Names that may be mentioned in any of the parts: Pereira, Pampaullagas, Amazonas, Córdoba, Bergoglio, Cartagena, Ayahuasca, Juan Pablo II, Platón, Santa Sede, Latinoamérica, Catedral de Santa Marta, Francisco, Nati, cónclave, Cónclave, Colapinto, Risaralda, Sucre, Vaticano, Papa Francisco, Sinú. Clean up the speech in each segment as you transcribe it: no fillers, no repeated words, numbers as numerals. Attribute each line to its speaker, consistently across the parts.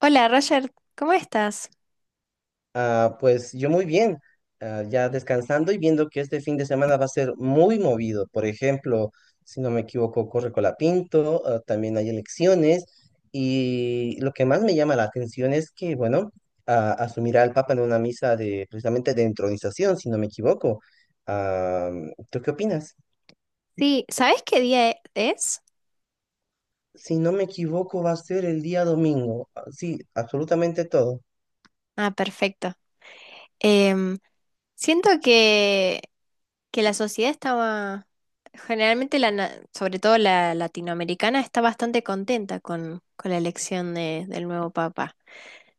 Speaker 1: Hola Roger, ¿cómo estás?
Speaker 2: Pues yo muy bien, ya descansando y viendo que este fin de semana va a ser muy movido. Por ejemplo, si no me equivoco, corre Colapinto. Ah, también hay elecciones y lo que más me llama la atención es que, bueno, asumirá el Papa en una misa de precisamente de entronización, si no me equivoco. Ah, ¿Tú qué opinas?
Speaker 1: Sí, ¿sabes qué día es?
Speaker 2: Si no me equivoco, va a ser el día domingo. Ah, sí, absolutamente todo.
Speaker 1: Ah, perfecto. Em, Siento que la sociedad estaba, generalmente, sobre todo la latinoamericana, está bastante contenta con la elección del nuevo papa.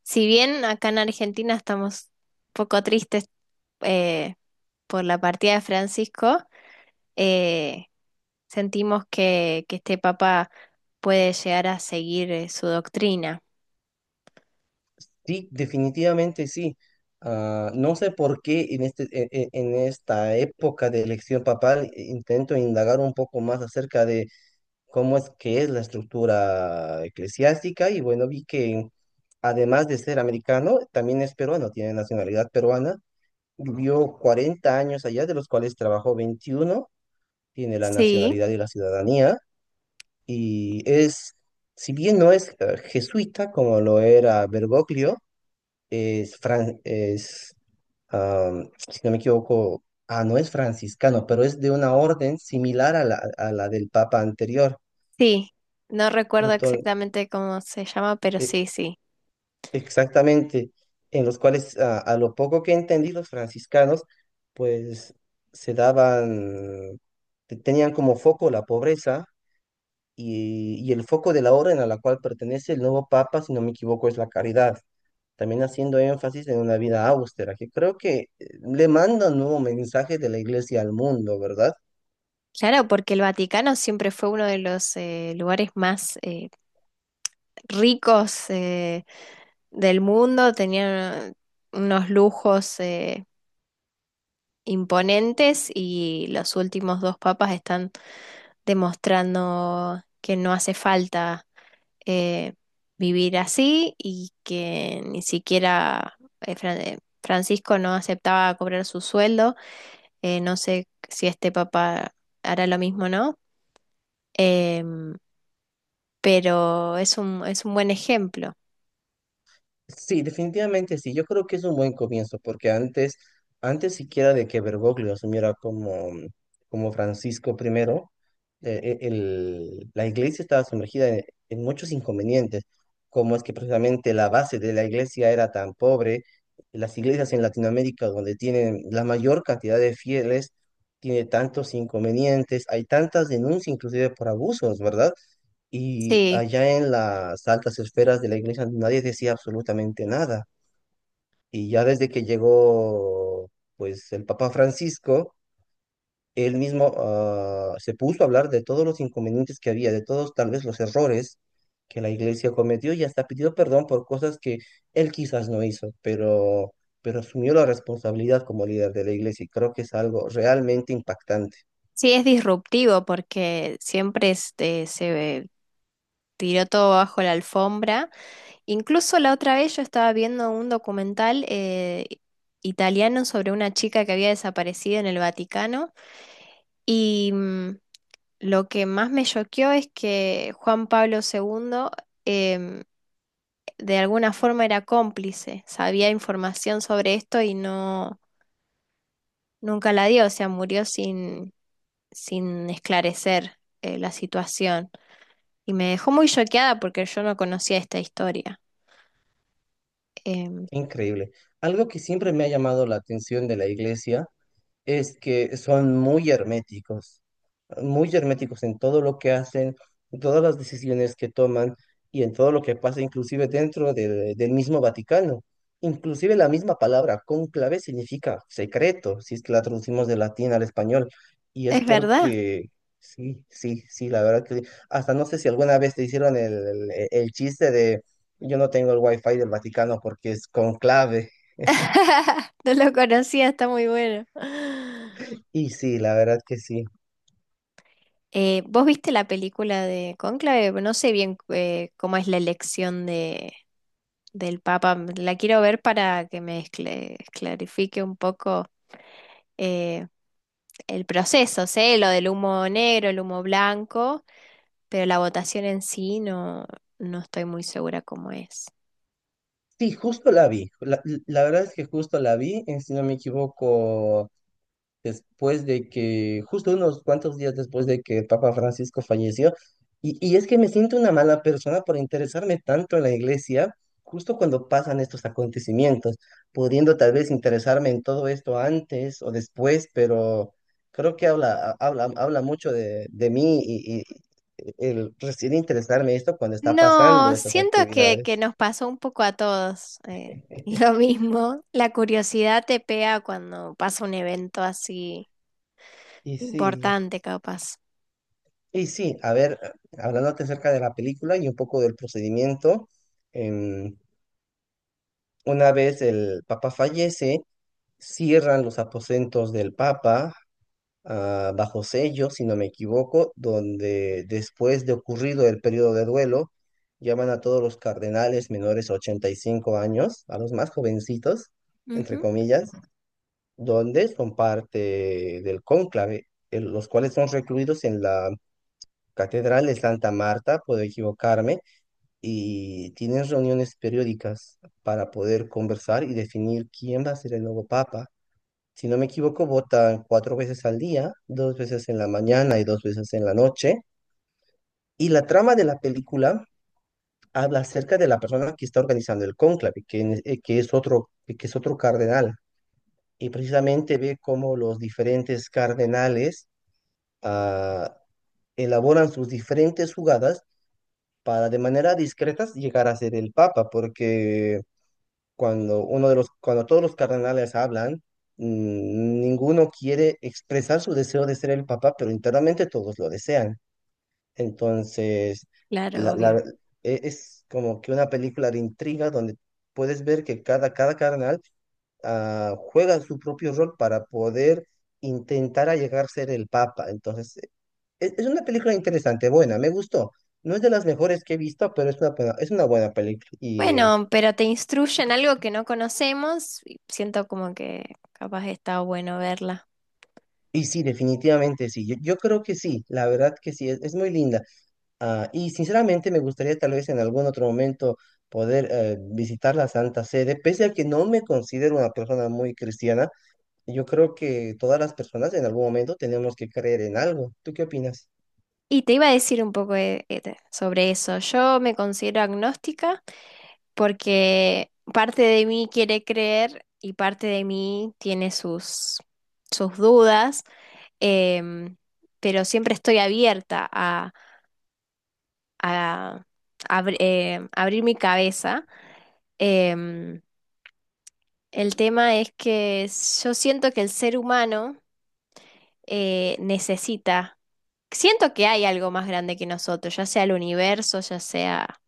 Speaker 1: Si bien acá en Argentina estamos un poco tristes eh, por la partida de Francisco, eh, sentimos que este papa puede llegar a seguir su doctrina.
Speaker 2: Sí, definitivamente sí. No sé por qué en esta época de elección papal, intento indagar un poco más acerca de cómo es que es la estructura eclesiástica y bueno, vi que además de ser americano, también es peruano, tiene nacionalidad peruana. Vivió 40 años allá, de los cuales trabajó 21, tiene la
Speaker 1: Sí,
Speaker 2: nacionalidad y la ciudadanía y es, si bien no es jesuita como lo era Bergoglio, es, fran- es am, si no me equivoco, no es franciscano, pero es de una orden similar a la del Papa anterior.
Speaker 1: sí. No recuerdo
Speaker 2: Entonces,
Speaker 1: exactamente cómo se llama, pero
Speaker 2: e-
Speaker 1: sí, sí.
Speaker 2: exactamente, en los cuales, a lo poco que entendí, los franciscanos, pues se daban, tenían como foco la pobreza y el foco de la orden a la cual pertenece el nuevo Papa, si no me equivoco, es la caridad. También haciendo énfasis en una vida austera, que creo que le manda un nuevo mensaje de la iglesia al mundo, ¿verdad?
Speaker 1: Claro, porque el Vaticano siempre fue uno de los lugares más ricos del mundo, tenían unos lujos imponentes, y los últimos dos papas están demostrando que no hace falta eh, vivir así, y que ni siquiera Francisco no aceptaba cobrar su sueldo. No sé si este papá hará lo mismo, ¿no? Em, pero es un buen ejemplo.
Speaker 2: Sí, definitivamente sí. Yo creo que es un buen comienzo, porque antes, antes siquiera de que Bergoglio asumiera como, como Francisco primero, la iglesia estaba sumergida en muchos inconvenientes, como es que precisamente la base de la iglesia era tan pobre. Las iglesias en Latinoamérica, donde tienen la mayor cantidad de fieles, tiene tantos inconvenientes, hay tantas denuncias inclusive por abusos, ¿verdad? Y
Speaker 1: Sí,
Speaker 2: allá en las altas esferas de la iglesia nadie decía absolutamente nada. Y ya desde que llegó, pues, el Papa Francisco, él mismo, se puso a hablar de todos los inconvenientes que había, de todos tal vez los errores que la iglesia cometió y hasta pidió perdón por cosas que él quizás no hizo, pero asumió la responsabilidad como líder de la iglesia y creo que es algo realmente impactante,
Speaker 1: sí es disruptivo porque siempre este, se tiró todo bajo la alfombra. Incluso la otra vez yo estaba viendo un documental italiano sobre una chica que había desaparecido en el Vaticano y lo que más me choqueó es que Juan Pablo segundo em, de alguna forma era cómplice, sabía información sobre esto y no, nunca la dio, o sea, murió sin, sin esclarecer la situación. Y me dejó muy choqueada porque yo no conocía esta historia. Em,
Speaker 2: increíble. Algo que siempre me ha llamado la atención de la iglesia es que son muy herméticos en todo lo que hacen, en todas las decisiones que toman y en todo lo que pasa, inclusive dentro del mismo Vaticano. Inclusive la misma palabra cónclave significa secreto, si es que la traducimos del latín al español. Y es
Speaker 1: es verdad.
Speaker 2: porque, sí, sí, sí, la verdad que sí. Hasta no sé si alguna vez te hicieron el chiste de yo no tengo el wifi del Vaticano porque es conclave.
Speaker 1: No lo conocía, está muy bueno.
Speaker 2: Y sí, la verdad que sí.
Speaker 1: ¿Vos viste la película de Cónclave? No sé bien cómo es la elección de, del Papa. La quiero ver para que me clarifique un poco eh, el proceso, sé lo del humo negro, el humo blanco, pero la votación en sí no, no estoy muy segura cómo es.
Speaker 2: Sí, justo la vi. La verdad es que justo la vi, si no me equivoco, después de que, justo unos cuantos días después de que el Papa Francisco falleció. Y es que me siento una mala persona por interesarme tanto en la iglesia, justo cuando pasan estos acontecimientos, pudiendo tal vez interesarme en todo esto antes o después, pero creo que habla mucho de mí y el recién interesarme esto cuando está pasando
Speaker 1: No,
Speaker 2: estas
Speaker 1: siento que
Speaker 2: actividades.
Speaker 1: nos pasó un poco a todos lo mismo. La curiosidad te pega cuando pasa un evento así
Speaker 2: Y sí.
Speaker 1: importante, capaz.
Speaker 2: Y sí, a ver, hablándote acerca de la película y un poco del procedimiento, em, una vez el Papa fallece, cierran los aposentos del Papa bajo sello, si no me equivoco, donde después de ocurrido el periodo de duelo, llaman a todos los cardenales menores a 85 años, a los más jovencitos, entre
Speaker 1: Ujú.
Speaker 2: comillas, donde son parte del cónclave, los cuales son recluidos en la Catedral de Santa Marta, puedo equivocarme, y tienen reuniones periódicas para poder conversar y definir quién va a ser el nuevo papa. Si no me equivoco, votan cuatro veces al día, dos veces en la mañana y dos veces en la noche. Y la trama de la película habla acerca de la persona que está organizando el cónclave, que es otro cardenal. Y precisamente ve cómo los diferentes cardenales ah, elaboran sus diferentes jugadas para de manera discreta llegar a ser el papa, porque cuando todos los cardenales hablan, ninguno quiere expresar su deseo de ser el papa, pero internamente todos lo desean. Entonces,
Speaker 1: Claro,
Speaker 2: la,
Speaker 1: obvio.
Speaker 2: la- es como que una película de intriga donde puedes ver que cada cardenal juega su propio rol para poder intentar a llegar a ser el Papa. Entonces, es una película interesante, buena, me gustó. No es de las mejores que he visto, pero es una buena película.
Speaker 1: Bueno, pero te instruyen algo que no conocemos, y siento como que capaz está bueno verla.
Speaker 2: Y sí, definitivamente sí. Yo creo que sí, la verdad que sí, es muy linda. Y sinceramente me gustaría tal vez en algún otro momento poder visitar la Santa Sede, pese a que no me considero una persona muy cristiana. Yo creo que todas las personas en algún momento tenemos que creer en algo. ¿Tú qué opinas?
Speaker 1: Y te iba a decir un poco sobre eso. Yo me considero agnóstica porque parte de mí quiere creer y parte de mí tiene sus, sus dudas. em, pero siempre estoy abierta a abrir mi cabeza. Em, el tema es que yo siento que el ser humano necesita. Siento que hay algo más grande que nosotros, ya sea el universo, ya sea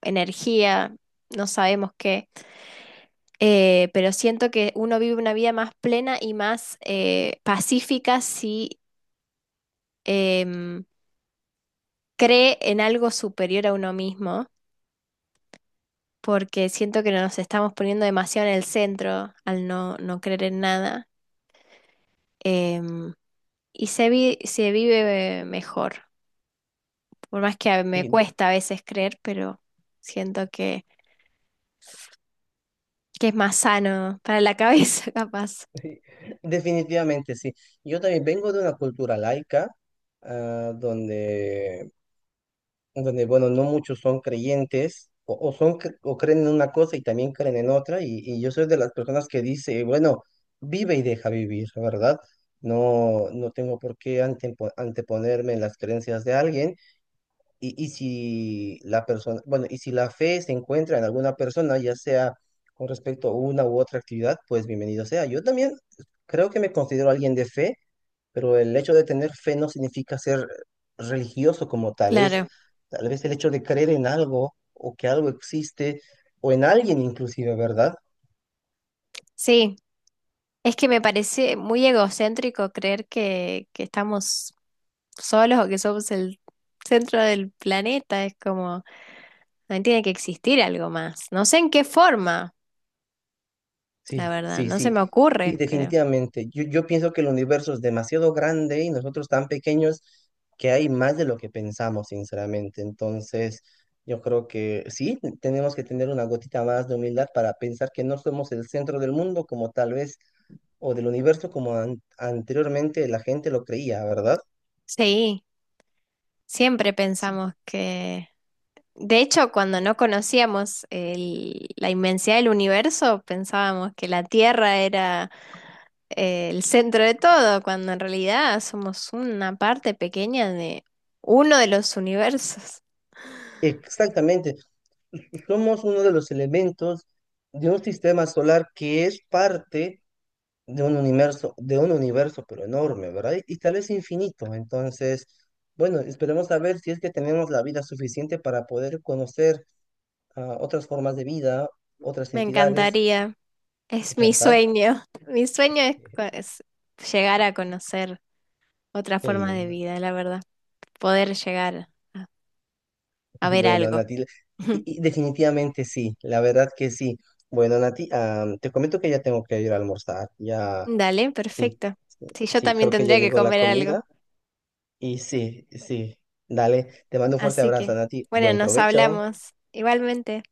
Speaker 1: energía, no sabemos qué, pero siento que uno vive una vida más plena y más pacífica si em, cree en algo superior a uno mismo, porque siento que nos estamos poniendo demasiado en el centro al no, no creer en nada. em, y se vive mejor. Por más que me
Speaker 2: Sí,
Speaker 1: cuesta a veces creer, pero siento que es más sano para la cabeza, capaz.
Speaker 2: definitivamente sí. Yo también vengo de una cultura laica, ah, donde donde, bueno, no muchos son creyentes o creen en una cosa y también creen en otra. Y yo soy de las personas que dice, bueno, vive y deja vivir, ¿verdad? No tengo por qué anteponerme en las creencias de alguien. Y si la persona, bueno, y si la fe se encuentra en alguna persona, ya sea con respecto a una u otra actividad, pues bienvenido sea. Yo también creo que me considero alguien de fe, pero el hecho de tener fe no significa ser religioso como tal, es
Speaker 1: Claro,
Speaker 2: tal vez el hecho de creer en algo o que algo existe o en alguien inclusive, ¿verdad?
Speaker 1: sí, es que me parece muy egocéntrico creer que estamos solos, o que somos el centro del planeta, es como, no tiene que existir algo más. No sé en qué forma, la
Speaker 2: Sí,
Speaker 1: verdad,
Speaker 2: sí,
Speaker 1: no se
Speaker 2: sí,
Speaker 1: me
Speaker 2: sí,
Speaker 1: ocurre, pero
Speaker 2: definitivamente. Yo pienso que el universo es demasiado grande y nosotros tan pequeños que hay más de lo que pensamos, sinceramente. Entonces, yo creo que sí, tenemos que tener una gotita más de humildad para pensar que no somos el centro del mundo como tal vez, o del universo como anteriormente la gente lo creía, ¿verdad?
Speaker 1: sí, siempre
Speaker 2: Sí,
Speaker 1: pensamos que... De hecho, cuando no conocíamos la inmensidad del universo, pensábamos que la Tierra era el centro de todo, cuando en realidad somos una parte pequeña de uno de los universos.
Speaker 2: exactamente. Somos uno de los elementos de un sistema solar que es parte de un universo, pero enorme, ¿verdad? Y tal vez infinito. Entonces, bueno, esperemos a ver si es que tenemos la vida suficiente para poder conocer otras formas de vida, otras
Speaker 1: Me
Speaker 2: entidades,
Speaker 1: encantaría, es mi
Speaker 2: ¿verdad?
Speaker 1: sueño. Mi sueño es, es llegar a conocer otra
Speaker 2: Qué
Speaker 1: forma de
Speaker 2: lindo.
Speaker 1: vida, la verdad, poder llegar a, a ver
Speaker 2: Bueno,
Speaker 1: algo.
Speaker 2: Nati, y definitivamente sí, la verdad que sí. Bueno, Nati, te comento que ya tengo que ir a almorzar. Ya,
Speaker 1: Dale,
Speaker 2: sí,
Speaker 1: perfecto. Sí, yo
Speaker 2: sí,
Speaker 1: también
Speaker 2: creo que ya
Speaker 1: tendría que
Speaker 2: llegó la
Speaker 1: comer algo.
Speaker 2: comida. Y sí, sí. Dale, te mando un fuerte
Speaker 1: Así
Speaker 2: abrazo,
Speaker 1: que,
Speaker 2: Nati.
Speaker 1: bueno,
Speaker 2: Buen
Speaker 1: nos
Speaker 2: provecho.
Speaker 1: hablamos igualmente.